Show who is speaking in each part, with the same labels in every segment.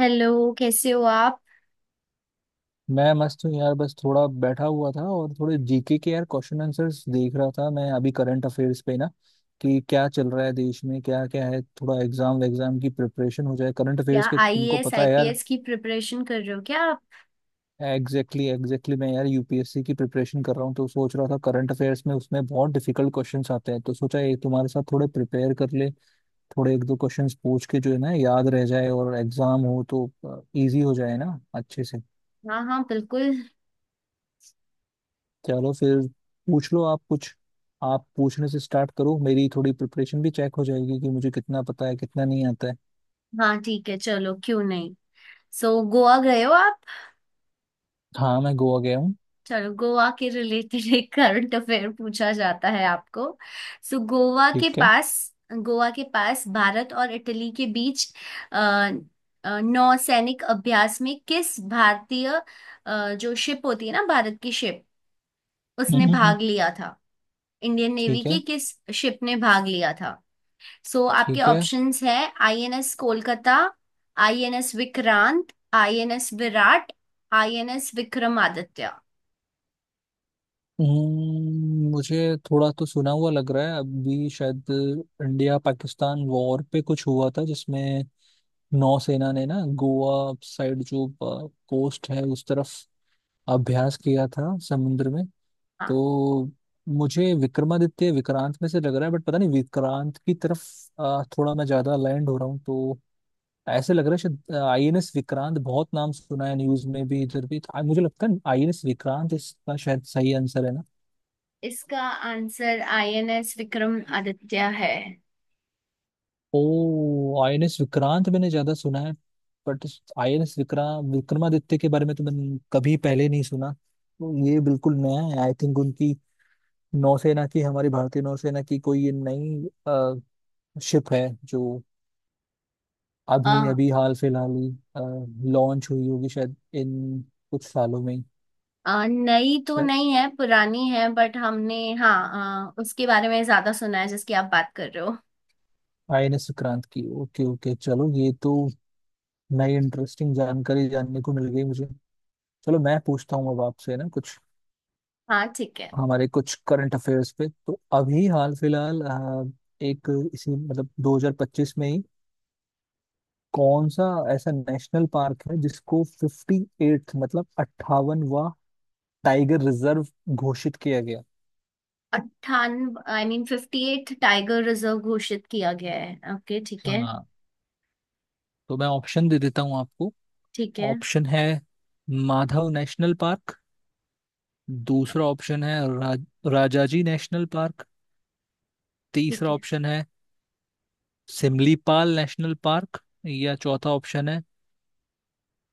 Speaker 1: Hello. कैसे हो आप?
Speaker 2: मैं मस्त हूँ यार। बस थोड़ा बैठा हुआ था और थोड़े जीके के यार क्वेश्चन आंसर्स देख रहा था। मैं अभी करंट अफेयर्स पे ना कि क्या चल रहा है देश में क्या क्या है। थोड़ा एग्जाम एग्जाम की प्रिपरेशन हो जाए करंट
Speaker 1: क्या
Speaker 2: अफेयर्स के। तुमको
Speaker 1: आईएएस
Speaker 2: पता है यार।
Speaker 1: आईपीएस की प्रिपरेशन कर रहे हो क्या आप?
Speaker 2: Exactly exactly. मैं यार यूपीएससी की प्रिपरेशन कर रहा हूँ तो सोच रहा था करंट अफेयर्स में उसमें बहुत डिफिकल्ट क्वेश्चंस आते हैं। तो सोचा ये तुम्हारे साथ थोड़े प्रिपेयर कर ले, थोड़े एक दो क्वेश्चंस पूछ के जो है ना याद रह जाए, और एग्जाम हो तो इजी हो जाए ना अच्छे से।
Speaker 1: हाँ हाँ बिल्कुल।
Speaker 2: चलो फिर, पूछ लो आप कुछ। आप पूछने से स्टार्ट करो, मेरी थोड़ी प्रिपरेशन भी चेक हो जाएगी कि मुझे कितना पता है कितना नहीं आता है।
Speaker 1: हाँ ठीक है, चलो क्यों नहीं। सो गोवा गए हो आप?
Speaker 2: हाँ मैं गोवा गया हूँ।
Speaker 1: चलो गोवा के रिलेटेड एक करंट अफेयर पूछा जाता है आपको। सो गोवा के
Speaker 2: ठीक है।
Speaker 1: पास, गोवा के पास भारत और इटली के बीच अ, नौसैनिक अभ्यास में किस भारतीय, जो शिप होती है ना भारत की शिप,
Speaker 2: हम्म,
Speaker 1: उसने
Speaker 2: हम्म, हम्म।
Speaker 1: भाग लिया था। इंडियन नेवी
Speaker 2: ठीक
Speaker 1: की
Speaker 2: है।
Speaker 1: किस शिप ने भाग लिया था? सो आपके
Speaker 2: ठीक है।
Speaker 1: ऑप्शंस है INS Kolkata, INS Vikrant, INS Viraat, INS Vikramaditya.
Speaker 2: मुझे थोड़ा तो सुना हुआ लग रहा है अभी शायद। इंडिया पाकिस्तान वॉर पे कुछ हुआ था जिसमें नौसेना ने ना गोवा साइड जो कोस्ट है उस तरफ अभ्यास किया था समुद्र में।
Speaker 1: हाँ
Speaker 2: तो मुझे विक्रमादित्य विक्रांत में से लग रहा है, बट पता नहीं विक्रांत की तरफ थोड़ा मैं ज्यादा अलाइंड हो रहा हूँ। तो ऐसे लग रहा है शायद आईएनएस विक्रांत, बहुत नाम सुना है न्यूज में भी इधर भी। मुझे लगता है आईएनएस विक्रांत इसका शायद सही आंसर है ना।
Speaker 1: इसका आंसर आईएनएस विक्रमादित्य है।
Speaker 2: ओ, आईएनएस विक्रांत मैंने ज्यादा सुना है, बट आईएनएस विक्रांत विक्रमादित्य के बारे में तो मैंने कभी पहले नहीं सुना। तो ये बिल्कुल नया है आई थिंक। उनकी नौसेना की, हमारी भारतीय नौसेना की, कोई ये नई शिप है जो
Speaker 1: आ,
Speaker 2: अभी अभी हाल फिलहाल ही लॉन्च हुई होगी शायद इन कुछ सालों में।
Speaker 1: आ, नई तो
Speaker 2: सर।
Speaker 1: नहीं है, पुरानी है, बट हमने, हाँ, उसके बारे में ज्यादा सुना है जिसकी आप बात कर रहे हो।
Speaker 2: आईएनएस सुक्रांत की। ओके ओके, चलो ये तो नई इंटरेस्टिंग जानकारी जानने को मिल गई मुझे। चलो मैं पूछता हूँ अब आपसे ना कुछ
Speaker 1: हाँ ठीक है।
Speaker 2: हमारे कुछ करंट अफेयर्स पे। तो अभी हाल फिलहाल एक, इसी मतलब 2025 में ही कौन सा ऐसा नेशनल पार्क है जिसको 58th मतलब 58वां टाइगर रिजर्व घोषित किया गया।
Speaker 1: 98 आई मीन 58 टाइगर रिजर्व घोषित किया गया है, ओके ठीक है।
Speaker 2: हाँ तो मैं ऑप्शन दे देता हूँ आपको।
Speaker 1: ठीक है।
Speaker 2: ऑप्शन है माधव नेशनल पार्क। दूसरा ऑप्शन है रा, राजाजी नेशनल पार्क।
Speaker 1: ठीक
Speaker 2: तीसरा
Speaker 1: है,
Speaker 2: ऑप्शन है सिमलीपाल नेशनल पार्क। या चौथा ऑप्शन है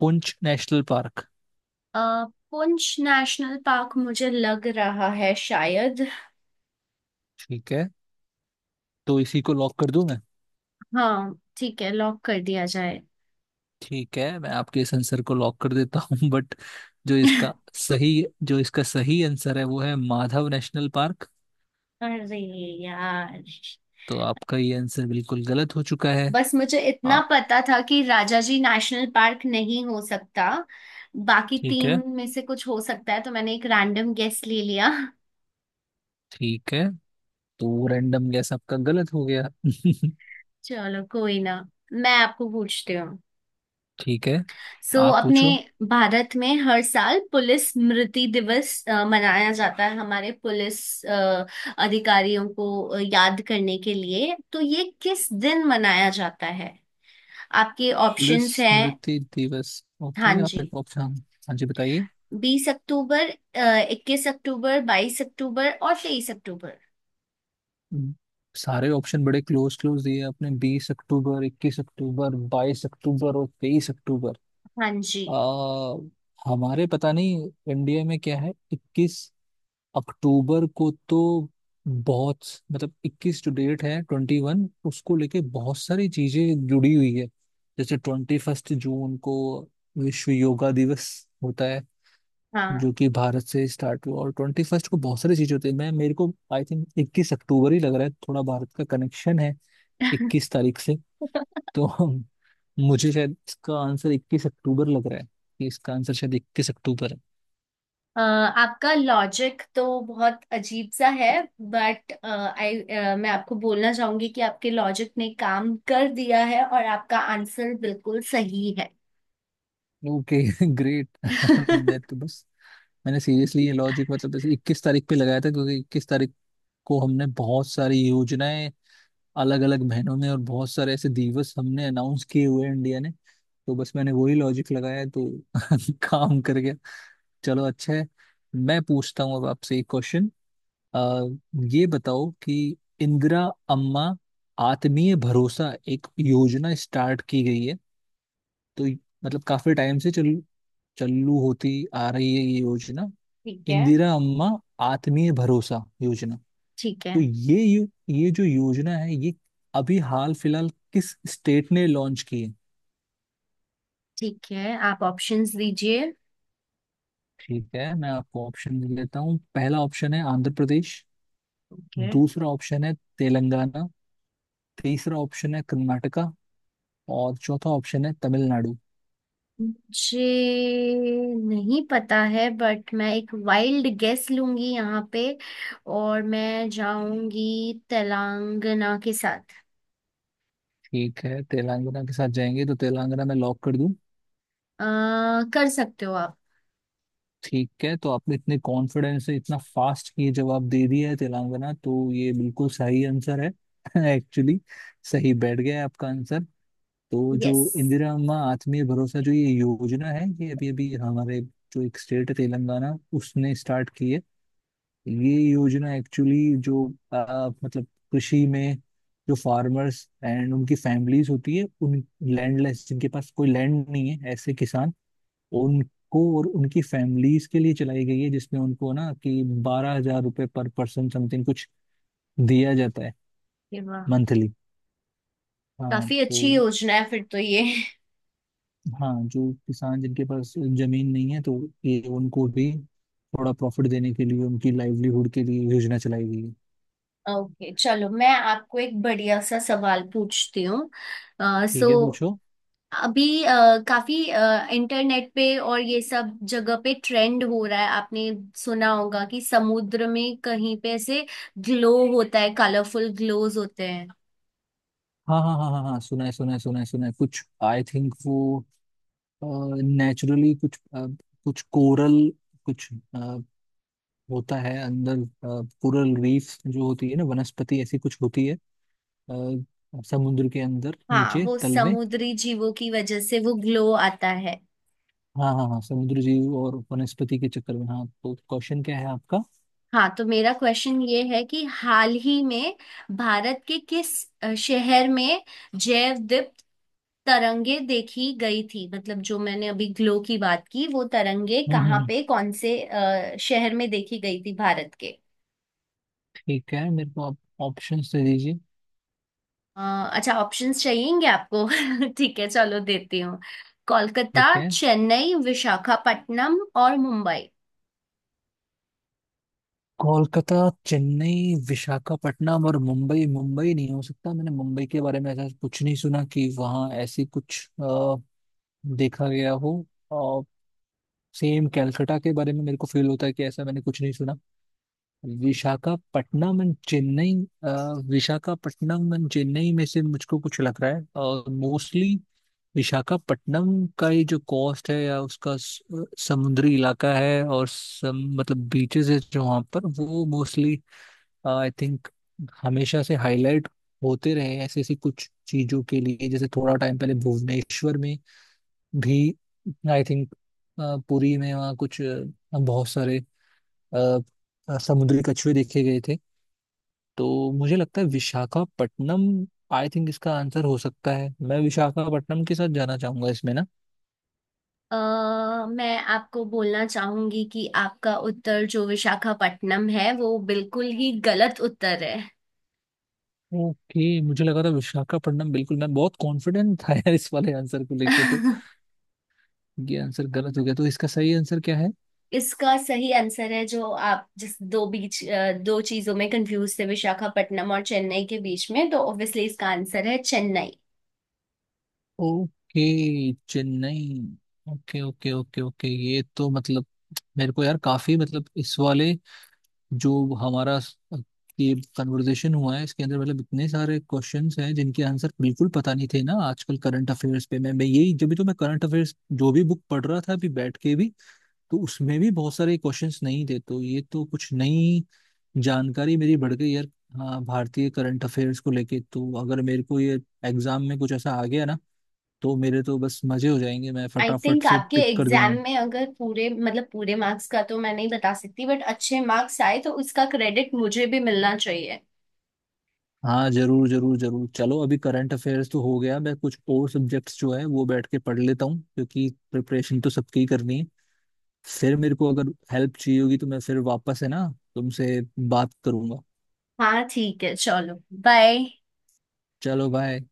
Speaker 2: पुंछ नेशनल पार्क।
Speaker 1: अ, पुंछ नेशनल पार्क मुझे लग रहा है शायद।
Speaker 2: ठीक है, तो इसी को लॉक कर दूं मैं।
Speaker 1: हाँ ठीक है, लॉक कर दिया जाए।
Speaker 2: ठीक है, मैं आपके इस आंसर को लॉक कर देता हूँ बट जो इसका सही जो इसका सही आंसर है वो है माधव नेशनल पार्क।
Speaker 1: अरे यार,
Speaker 2: तो आपका ये आंसर बिल्कुल गलत हो चुका है।
Speaker 1: बस मुझे इतना
Speaker 2: हाँ।
Speaker 1: पता था कि राजाजी नेशनल पार्क नहीं हो सकता, बाकी
Speaker 2: ठीक है।
Speaker 1: तीन में से कुछ हो सकता है तो मैंने एक रैंडम गेस ले लिया।
Speaker 2: ठीक है। तो रैंडम गैस आपका गलत हो गया
Speaker 1: चलो कोई ना, मैं आपको पूछती हूँ।
Speaker 2: ठीक है, आप
Speaker 1: अपने
Speaker 2: पूछो।
Speaker 1: भारत में हर साल पुलिस स्मृति दिवस मनाया जाता है, हमारे पुलिस अ, अधिकारियों को याद करने के लिए। तो ये किस दिन मनाया जाता है? आपके
Speaker 2: पुलिस
Speaker 1: ऑप्शंस हैं,
Speaker 2: स्मृति दिवस।
Speaker 1: हाँ
Speaker 2: ओके, आप
Speaker 1: जी,
Speaker 2: मेरे को ऑप्शन, हाँ जी बताइए।
Speaker 1: 20 अक्टूबर, 21 अक्टूबर, 22 अक्टूबर और 23 अक्टूबर।
Speaker 2: हम्म, सारे ऑप्शन बड़े क्लोज क्लोज दिए आपने, 20 अक्टूबर, 21 अक्टूबर, 22 अक्टूबर और 23 अक्टूबर।
Speaker 1: हाँ जी।
Speaker 2: आ, हमारे पता नहीं इंडिया में क्या है। 21 अक्टूबर को तो बहुत, मतलब 21 जो डेट है 21, उसको लेके बहुत सारी चीजें जुड़ी हुई है। जैसे 21 जून को विश्व योगा दिवस होता है
Speaker 1: हाँ।
Speaker 2: जो कि भारत से स्टार्ट हुआ। और 21st को बहुत सारी चीजें होती है। मैं मेरे को आई थिंक 21 अक्टूबर ही लग रहा है। थोड़ा भारत का कनेक्शन है इक्कीस तारीख से। तो मुझे शायद इसका आंसर 21 अक्टूबर लग रहा है। कि इसका आंसर शायद 21 अक्टूबर है।
Speaker 1: आपका लॉजिक तो बहुत अजीब सा है, बट आई मैं आपको बोलना चाहूंगी कि आपके लॉजिक ने काम कर दिया है और आपका आंसर बिल्कुल सही है।
Speaker 2: ओके, ग्रेट मैं तो बस, मैंने सीरियसली ये लॉजिक मतलब जैसे 21 तारीख पे लगाया था, क्योंकि 21 तारीख को हमने बहुत सारी योजनाएं अलग अलग महीनों में और बहुत सारे ऐसे दिवस हमने अनाउंस किए हुए हैं इंडिया ने। तो बस मैंने वही लॉजिक लगाया तो काम कर गया। चलो अच्छा है। मैं पूछता हूँ अब आपसे एक क्वेश्चन। आ, ये बताओ कि इंदिरा अम्मा आत्मीय भरोसा एक योजना स्टार्ट की गई है। तो मतलब काफी टाइम से चल चालू होती आ रही है ये योजना।
Speaker 1: ठीक है।
Speaker 2: इंदिरा अम्मा आत्मीय भरोसा योजना।
Speaker 1: ठीक
Speaker 2: तो
Speaker 1: है।
Speaker 2: ये ये जो योजना है ये अभी हाल फिलहाल किस स्टेट ने लॉन्च की है।
Speaker 1: ठीक है, आप ऑप्शंस दीजिए।
Speaker 2: ठीक है, मैं आपको ऑप्शन दे देता हूँ। पहला ऑप्शन है आंध्र प्रदेश।
Speaker 1: ओके।
Speaker 2: दूसरा ऑप्शन है तेलंगाना। तीसरा ऑप्शन है कर्नाटका। और चौथा ऑप्शन है तमिलनाडु।
Speaker 1: मुझे नहीं पता है बट मैं एक वाइल्ड गेस लूंगी यहाँ पे, और मैं जाऊंगी तेलंगाना के साथ।
Speaker 2: ठीक है, तेलंगाना के साथ जाएंगे तो तेलंगाना में लॉक कर दूं।
Speaker 1: अ, कर सकते हो आप।
Speaker 2: ठीक है, तो आपने इतने कॉन्फिडेंस से इतना फास्ट ये जवाब दे दिया है तेलंगाना, तो ये बिल्कुल सही आंसर है एक्चुअली सही बैठ गया है आपका आंसर। तो जो
Speaker 1: यस।
Speaker 2: इंदिरा अम्मा आत्मीय भरोसा जो ये योजना है, ये अभी अभी हमारे जो एक स्टेट है तेलंगाना, उसने स्टार्ट की है। ये योजना एक्चुअली जो मतलब कृषि में जो फार्मर्स एंड उनकी फैमिलीज होती है, उन लैंडलेस जिनके पास कोई लैंड नहीं है ऐसे किसान, उनको और उनकी फैमिलीज के लिए चलाई गई है, जिसमें उनको ना कि 12,000 रुपये पर पर्सन समथिंग कुछ दिया जाता है
Speaker 1: वाह,
Speaker 2: मंथली। हाँ
Speaker 1: काफी अच्छी
Speaker 2: तो,
Speaker 1: योजना है फिर तो ये।
Speaker 2: हाँ जो किसान जिनके पास जमीन नहीं है, तो ये उनको भी थोड़ा प्रॉफिट देने के लिए उनकी लाइवलीहुड के लिए योजना चलाई गई है।
Speaker 1: ओके चलो मैं आपको एक बढ़िया सा सवाल पूछती हूँ। सो
Speaker 2: ठीक है पूछो।
Speaker 1: अभी काफी इंटरनेट पे और ये सब जगह पे ट्रेंड हो रहा है, आपने सुना होगा कि समुद्र में कहीं पे ऐसे ग्लो होता है, कलरफुल ग्लोज होते हैं।
Speaker 2: हाँ हाँ हाँ हाँ हाँ, सुना है सुना है सुना है सुना है। कुछ आई थिंक वो नेचुरली कुछ कुछ कोरल कुछ अ, होता है अंदर। कोरल रीफ जो होती है ना, वनस्पति ऐसी कुछ होती है समुद्र के अंदर
Speaker 1: हाँ,
Speaker 2: नीचे
Speaker 1: वो
Speaker 2: तल में।
Speaker 1: समुद्री जीवों की वजह से वो ग्लो आता है।
Speaker 2: हाँ हाँ हाँ, समुद्र जीव और वनस्पति के चक्कर में, हाँ। तो क्वेश्चन क्या है आपका।
Speaker 1: हाँ तो मेरा क्वेश्चन ये है कि हाल ही में भारत के किस शहर में जैव तरंगे देखी गई थी? मतलब जो मैंने अभी ग्लो की बात की, वो तरंगे
Speaker 2: हम्म हम्म
Speaker 1: कहाँ
Speaker 2: हम्म,
Speaker 1: पे, कौन से शहर में देखी गई थी भारत के?
Speaker 2: ठीक है मेरे को आप ऑप्शन दे दीजिए।
Speaker 1: अ, अच्छा ऑप्शंस चाहिएंगे आपको? ठीक है चलो देती हूँ। कोलकाता,
Speaker 2: ठीक है।
Speaker 1: चेन्नई, विशाखापट्टनम और मुंबई।
Speaker 2: कोलकाता, चेन्नई, विशाखापट्टनम और मुंबई। मुंबई नहीं हो सकता, मैंने मुंबई के बारे में ऐसा कुछ नहीं सुना कि वहाँ ऐसी कुछ देखा गया हो। और सेम कैलकाटा के बारे में मेरे को फील होता है कि ऐसा मैंने कुछ नहीं सुना। विशाखापट्टनम एंड चेन्नई, अ, विशाखापट्टनम एंड चेन्नई में से मुझको कुछ लग रहा है। और मोस्टली विशाखापट्टनम का ये जो कोस्ट है या उसका समुद्री इलाका है और मतलब बीचेस है जो वहाँ पर, वो मोस्टली आई थिंक हमेशा से हाईलाइट होते रहे ऐसी ऐसी कुछ चीजों के लिए। जैसे थोड़ा टाइम पहले भुवनेश्वर में भी आई थिंक पुरी में वहाँ कुछ बहुत सारे अ, समुद्री कछुए देखे गए थे। तो मुझे लगता है विशाखापट्टनम आई थिंक इसका आंसर हो सकता है। मैं विशाखापट्टनम के साथ जाना चाहूंगा इसमें ना।
Speaker 1: अ, मैं आपको बोलना चाहूंगी कि आपका उत्तर जो विशाखापट्टनम है, वो बिल्कुल ही गलत उत्तर है।
Speaker 2: ओके, मुझे लगा था विशाखापट्टनम बिल्कुल, मैं बहुत कॉन्फिडेंट था यार इस वाले आंसर को लेके, तो ये आंसर गलत हो गया। तो इसका सही आंसर क्या है।
Speaker 1: इसका सही आंसर है, जो आप जिस दो बीच दो चीजों में कंफ्यूज थे, विशाखापट्टनम और चेन्नई के बीच में, तो ऑब्वियसली इसका आंसर है Chennai.
Speaker 2: Okay, Chennai. Okay okay okay okay, ये तो मतलब मेरे को यार काफी, मतलब इस वाले जो हमारा ये कन्वर्सेशन हुआ है इसके अंदर मतलब इतने सारे क्वेश्चंस हैं जिनके आंसर बिल्कुल पता नहीं थे ना। आजकल करंट अफेयर्स पे मैं यही, जब भी तो मैं करंट अफेयर्स जो भी बुक पढ़ रहा था अभी बैठ के भी, तो उसमें भी बहुत सारे क्वेश्चंस नहीं थे। तो ये तो कुछ नई जानकारी मेरी बढ़ गई यार। हाँ भारतीय करंट अफेयर्स को लेके, तो अगर मेरे को ये एग्जाम में कुछ ऐसा आ गया ना, तो मेरे तो बस मजे हो जाएंगे, मैं
Speaker 1: आई
Speaker 2: फटाफट
Speaker 1: थिंक
Speaker 2: से
Speaker 1: आपके
Speaker 2: टिक कर
Speaker 1: एग्जाम
Speaker 2: दूंगा।
Speaker 1: में अगर पूरे मतलब पूरे मार्क्स का तो मैं नहीं बता सकती, बट अच्छे मार्क्स आए तो उसका क्रेडिट मुझे भी मिलना चाहिए।
Speaker 2: हाँ जरूर जरूर जरूर। चलो अभी करंट अफेयर्स तो हो गया, मैं कुछ और सब्जेक्ट्स जो है वो बैठ के पढ़ लेता हूँ क्योंकि प्रिपरेशन तो सबकी ही करनी है। फिर मेरे को अगर हेल्प चाहिए होगी तो मैं फिर वापस, है ना, तुमसे बात करूंगा।
Speaker 1: हाँ ठीक है चलो बाय।
Speaker 2: चलो बाय।